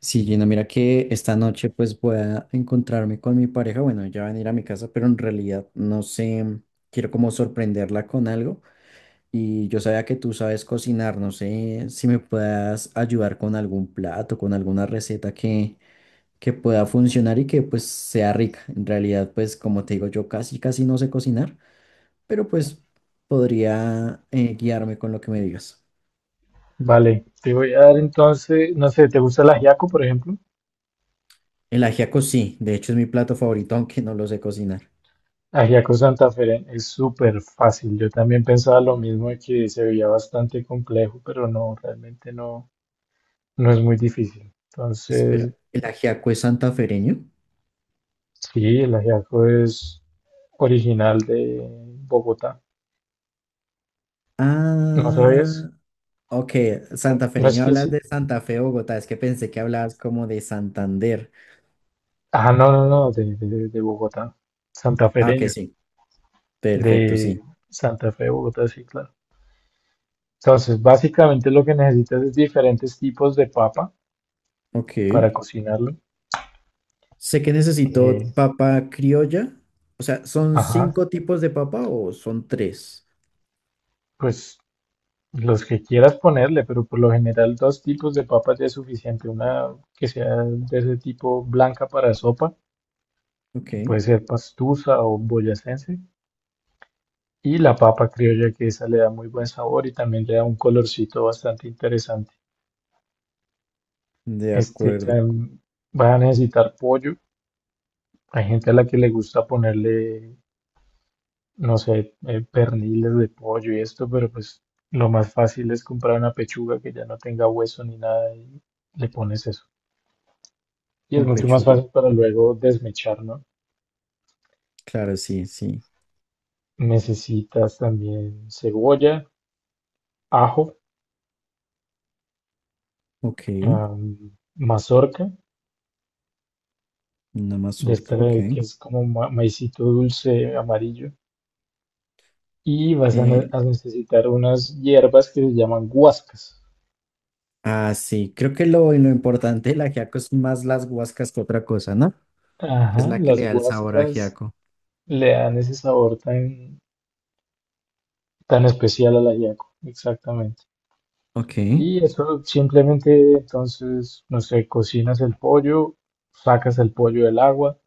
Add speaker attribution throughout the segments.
Speaker 1: Sí, Gina, mira que esta noche pues voy a encontrarme con mi pareja. Bueno, ella va a venir a mi casa, pero en realidad no sé, quiero como sorprenderla con algo. Y yo sabía que tú sabes cocinar, no sé si me puedas ayudar con algún plato, con alguna receta que pueda funcionar y que pues sea rica. En realidad pues como te digo, yo casi casi no sé cocinar, pero pues podría guiarme con lo que me digas.
Speaker 2: Vale, te voy a dar entonces, no sé, ¿te gusta el ajiaco, por ejemplo?
Speaker 1: El ajiaco sí, de hecho es mi plato favorito, aunque no lo sé cocinar.
Speaker 2: Ajiaco Santafereño es súper fácil. Yo también pensaba lo mismo de que se veía bastante complejo, pero no, realmente no, no es muy difícil.
Speaker 1: Espera,
Speaker 2: Entonces,
Speaker 1: ¿el ajiaco es santafereño?
Speaker 2: sí, el ajiaco es original de Bogotá. ¿No
Speaker 1: Ah,
Speaker 2: sabías?
Speaker 1: ok,
Speaker 2: No, no es
Speaker 1: santafereño
Speaker 2: que
Speaker 1: hablas
Speaker 2: sí.
Speaker 1: de Santa Fe, Bogotá. Es que pensé que hablabas como de Santander.
Speaker 2: Ah, no, no, no, de Bogotá.
Speaker 1: Ah, ok,
Speaker 2: Santafereño.
Speaker 1: sí, perfecto,
Speaker 2: De
Speaker 1: sí.
Speaker 2: Santa Fe de Bogotá, sí, claro. Entonces, básicamente lo que necesitas es diferentes tipos de papa
Speaker 1: Ok.
Speaker 2: para cocinarlo.
Speaker 1: Sé que necesito
Speaker 2: Eh,
Speaker 1: papa criolla. O sea, ¿son
Speaker 2: ajá,
Speaker 1: cinco tipos de papa o son tres?
Speaker 2: pues los que quieras ponerle, pero por lo general dos tipos de papas ya es suficiente. Una que sea de ese tipo blanca para sopa,
Speaker 1: Ok,
Speaker 2: que puede ser pastusa o boyacense, y la papa criolla que esa le da muy buen sabor y también le da un colorcito bastante interesante.
Speaker 1: de
Speaker 2: Este,
Speaker 1: acuerdo,
Speaker 2: también vas a necesitar pollo. Hay gente a la que le gusta ponerle no sé, perniles de pollo y esto, pero pues lo más fácil es comprar una pechuga que ya no tenga hueso ni nada y le pones eso. Y es
Speaker 1: con
Speaker 2: mucho más
Speaker 1: pechuga.
Speaker 2: fácil para luego desmechar, ¿no?
Speaker 1: Claro, sí, sí.
Speaker 2: Necesitas también cebolla, ajo,
Speaker 1: Ok,
Speaker 2: am, mazorca,
Speaker 1: una
Speaker 2: de esta
Speaker 1: mazorca,
Speaker 2: de que
Speaker 1: ok.
Speaker 2: es como maicito dulce amarillo. Y vas a, ne-
Speaker 1: Eh,
Speaker 2: a necesitar unas hierbas que se llaman guascas.
Speaker 1: ah, sí, creo que lo importante del ajiaco es más las guascas que otra cosa, ¿no? Que es
Speaker 2: Ajá,
Speaker 1: la que le
Speaker 2: las
Speaker 1: da el sabor a
Speaker 2: guascas
Speaker 1: ajiaco.
Speaker 2: le dan ese sabor tan tan especial a la yaco, exactamente.
Speaker 1: Ok,
Speaker 2: Y eso simplemente, entonces, no sé, cocinas el pollo, sacas el pollo del agua,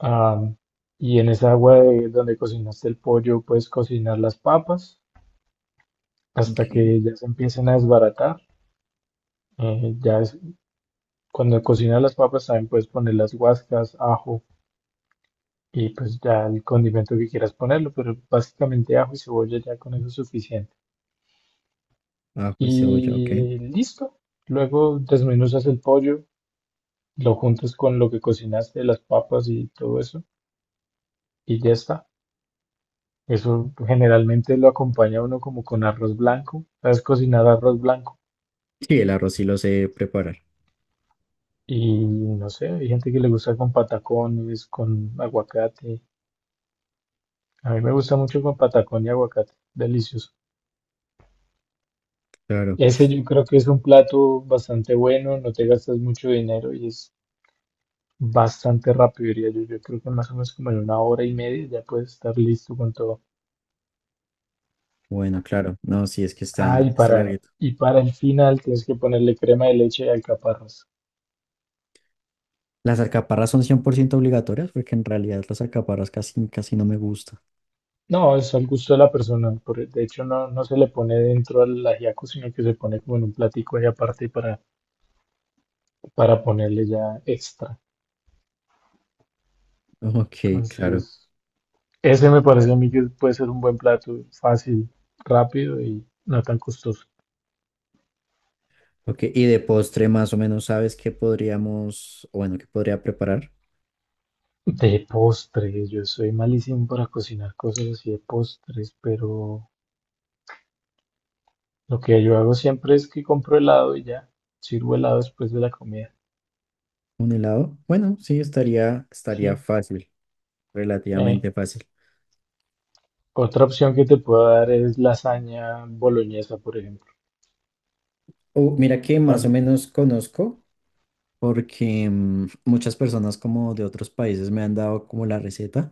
Speaker 2: am, y en esa donde cocinaste el pollo puedes cocinar las papas hasta
Speaker 1: ok.
Speaker 2: que ya se empiecen a desbaratar. Eh, ya es- Cuando cocinas las papas también puedes poner las guascas, ajo, y pues ya el condimento que quieras ponerlo, pero básicamente ajo y cebolla ya con eso es suficiente.
Speaker 1: Ajo y cebolla, ok.
Speaker 2: Y listo. Luego desmenuzas el pollo, lo juntas con lo que cocinaste, las papas y todo eso, y ya está. Eso generalmente lo acompaña uno como con arroz blanco. ¿Sabes cocinar arroz blanco?
Speaker 1: Sí, el arroz sí lo sé preparar.
Speaker 2: Y no sé, hay gente que le gusta con patacones, con aguacate. A mí me gusta mucho con patacón y aguacate, delicioso.
Speaker 1: Claro.
Speaker 2: Ese yo creo que es un plato bastante bueno, no te gastas mucho dinero y es bastante rápido, diría yo. Yo creo que más o menos como en una hora y media ya puedes estar listo con todo.
Speaker 1: Bueno, claro. No, sí, es que
Speaker 2: Ah,
Speaker 1: está, está larguito.
Speaker 2: y para el final tienes que ponerle crema de leche y alcaparras.
Speaker 1: Las alcaparras son 100% obligatorias porque en realidad las alcaparras casi, casi no me gustan.
Speaker 2: No, es al gusto de la persona. De hecho, no, no se le pone dentro al ajiaco, sino que se pone como en un platico ahí aparte para ponerle ya extra.
Speaker 1: Ok, claro.
Speaker 2: Entonces, ese me parece a mí que puede ser un buen plato, fácil, rápido y no tan costoso.
Speaker 1: Ok, y de postre más o menos sabes qué podríamos, o bueno, qué podría preparar.
Speaker 2: De postres, yo soy malísimo para cocinar cosas así de postres, pero lo que yo hago siempre es que compro helado y ya, sirvo helado después de la comida.
Speaker 1: ¿Un helado? Bueno, sí, estaría
Speaker 2: Sí.
Speaker 1: fácil,
Speaker 2: Eh,
Speaker 1: relativamente fácil.
Speaker 2: Otra opción que te puedo dar es lasaña boloñesa, por ejemplo.
Speaker 1: O mira que más o
Speaker 2: Tan
Speaker 1: menos conozco porque muchas personas como de otros países me han dado como la receta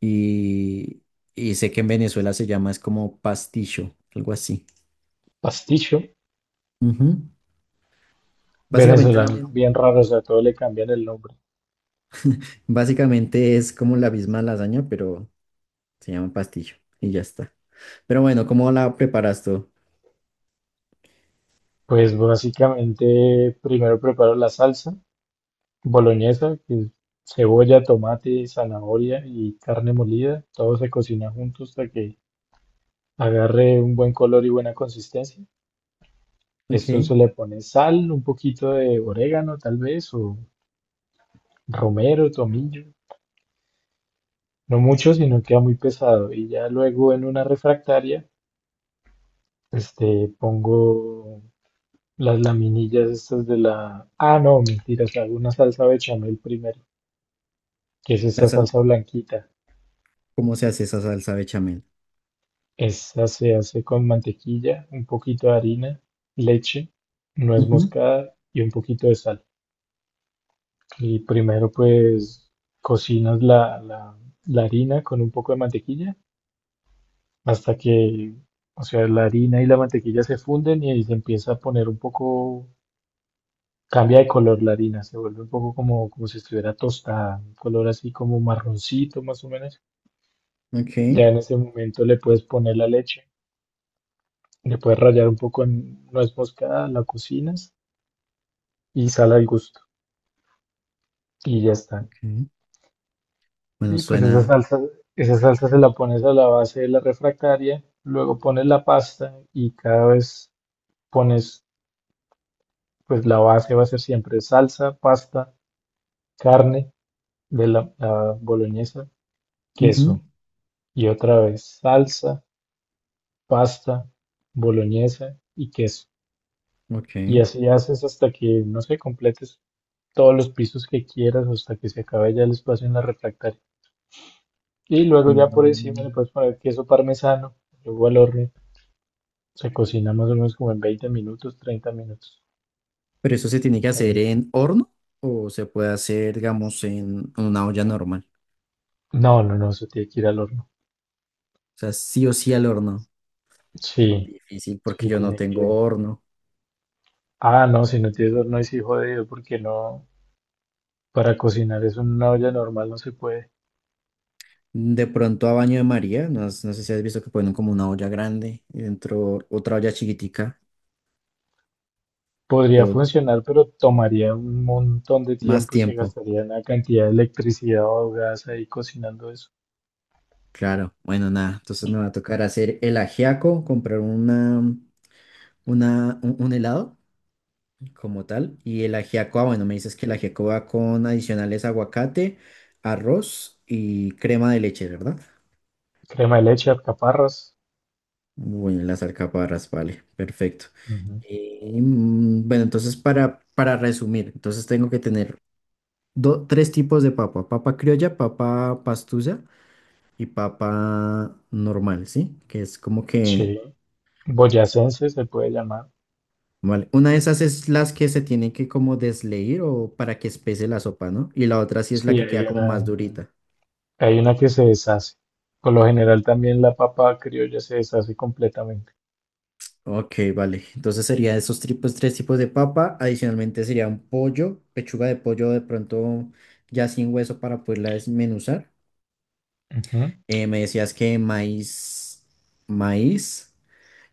Speaker 1: y, y sé que en Venezuela se llama es como pasticho, algo así.
Speaker 2: pasticho
Speaker 1: Ujú. Básicamente la
Speaker 2: venezolano, son
Speaker 1: misma.
Speaker 2: bien raro, o sea, todo le cambian el nombre.
Speaker 1: Básicamente es como la misma lasaña, pero se llama pastillo y ya está. Pero bueno, ¿cómo la preparas tú?
Speaker 2: Pues básicamente primero preparo la salsa boloñesa, que es cebolla, tomate, zanahoria y carne molida. Todo se cocina junto hasta que agarre un buen color y buena consistencia.
Speaker 1: Ok.
Speaker 2: Esto se le pone sal, un poquito de orégano tal vez, o romero, tomillo, no mucho, sino queda muy pesado. Y ya luego en una refractaria, este, pongo las laminillas estas de la... Ah, no, mentiras, hago una salsa bechamel primero, que es
Speaker 1: La
Speaker 2: esta
Speaker 1: sal-
Speaker 2: salsa blanquita.
Speaker 1: ¿Cómo se hace esa salsa bechamel?
Speaker 2: Esta se hace con mantequilla, un poquito de harina, leche, nuez
Speaker 1: Ujú,
Speaker 2: moscada y un poquito de sal. Y primero pues cocinas la harina con un poco de mantequilla hasta que, o sea, la harina y la mantequilla se funden y ahí se empieza a poner un poco, cambia de color la harina, se vuelve un poco como, como si estuviera tostada, un color así como marroncito más o menos.
Speaker 1: ok.
Speaker 2: Ya en ese momento le puedes poner la leche, le puedes rallar un poco en nuez moscada, la cocinas y sal al gusto y ya está.
Speaker 1: Ok. Bueno,
Speaker 2: Y pues
Speaker 1: suena.
Speaker 2: esa salsa se la pones a la base de la refractaria, luego pones la pasta y cada vez pones, pues la base va a ser siempre salsa, pasta, carne de la boloñesa,
Speaker 1: Ujú,
Speaker 2: queso, y otra vez salsa, pasta, boloñesa y queso.
Speaker 1: ok.
Speaker 2: Y así haces hasta que, no sé, completes todos los pisos que quieras, hasta que se acabe ya el espacio en la refractaria. Y luego ya por encima le
Speaker 1: Mm,
Speaker 2: puedes poner queso parmesano, luego al horno. Se cocina más o menos como en 20 minutos, 30 minutos.
Speaker 1: pero eso se tiene que hacer
Speaker 2: También-
Speaker 1: en horno o se puede hacer, digamos, en una olla normal.
Speaker 2: No, no, no, se tiene que ir al horno.
Speaker 1: O sea, sí o sí al horno.
Speaker 2: Sí,
Speaker 1: Difícil porque
Speaker 2: sí,
Speaker 1: yo no
Speaker 2: tiene que
Speaker 1: tengo
Speaker 2: ir.
Speaker 1: horno.
Speaker 2: Ah, no, si no tienes horno, ahí sí jodido, porque no, para cocinar eso en una olla normal no se puede.
Speaker 1: De pronto a baño de María, no, no sé si has visto que ponen como una olla grande y dentro otra olla chiquitica
Speaker 2: Podría
Speaker 1: o
Speaker 2: funcionar, pero tomaría un montón de
Speaker 1: más
Speaker 2: tiempo y se
Speaker 1: tiempo.
Speaker 2: gastaría una cantidad de electricidad o gas ahí cocinando eso.
Speaker 1: Claro, bueno, nada. Entonces me va a tocar hacer el ajiaco, comprar una, un helado como tal. Y el ajiaco, ah, bueno, me dices que el ajiaco va con adicionales aguacate, arroz y crema de leche, ¿verdad?
Speaker 2: Crema de leche, alcaparras.
Speaker 1: Bueno, las alcaparras, vale, perfecto.
Speaker 2: Ujú.
Speaker 1: Bueno, entonces para resumir, entonces tengo que tener tres tipos de papa, papa criolla, papa pastusa y papa normal, ¿sí? Que es como que,
Speaker 2: Sí. Boyacense se puede llamar.
Speaker 1: vale, una de esas es las que se tienen que como desleír o para que espese la sopa, ¿no? Y la otra sí es la
Speaker 2: Sí,
Speaker 1: que queda como más durita.
Speaker 2: hay una que se deshace. Por lo general también la papa criolla se deshace completamente.
Speaker 1: Ok, vale. Entonces sería esos tipos, tres tipos de papa. Adicionalmente sería un pollo, pechuga de pollo de pronto ya sin hueso para poderla desmenuzar.
Speaker 2: Ujú.
Speaker 1: Me decías que maíz, maíz.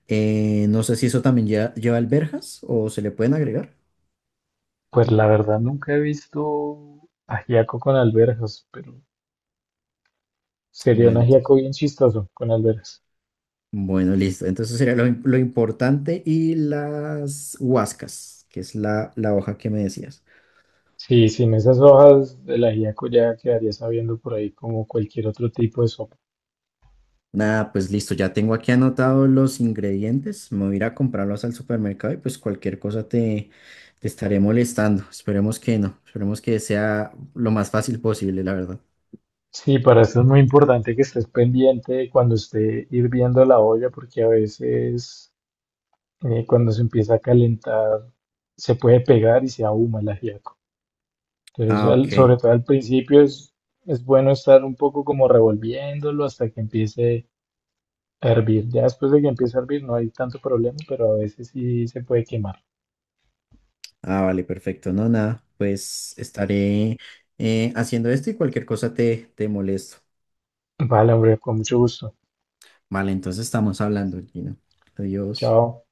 Speaker 1: Eh, no sé si eso también lleva, lleva alberjas o se le pueden agregar.
Speaker 2: Pues la verdad nunca he visto ajiaco con alberjas, pero sería un
Speaker 1: Bueno, entonces,
Speaker 2: ajiaco bien chistoso con alberjas.
Speaker 1: bueno, listo. Entonces sería lo, lo importante y las huascas, que es la, la hoja que me decías.
Speaker 2: Sí, sin esas hojas el ajíaco ya quedaría sabiendo por ahí como cualquier otro tipo de sopa.
Speaker 1: Nada, pues listo, ya tengo aquí anotados los ingredientes. Me voy a ir a comprarlos al supermercado y pues cualquier cosa te, te estaré molestando. Esperemos que no, esperemos que sea lo más fácil posible, la verdad.
Speaker 2: Sí, para esto es muy importante que estés pendiente cuando esté hirviendo la olla, porque a veces cuando se empieza a calentar se puede pegar y se ahuma el ajiaco. Entonces,
Speaker 1: Ah, ok.
Speaker 2: sobre todo al principio es bueno estar un poco como revolviéndolo hasta que empiece a hervir. Ya después de que empiece a hervir no hay tanto problema, pero a veces sí se puede quemar.
Speaker 1: Ah, vale, perfecto. No, nada, pues estaré haciendo esto y cualquier cosa te, te molesto.
Speaker 2: Vale, hombre, con mucho gusto.
Speaker 1: Vale, entonces estamos hablando, Gino. Adiós.
Speaker 2: Chao.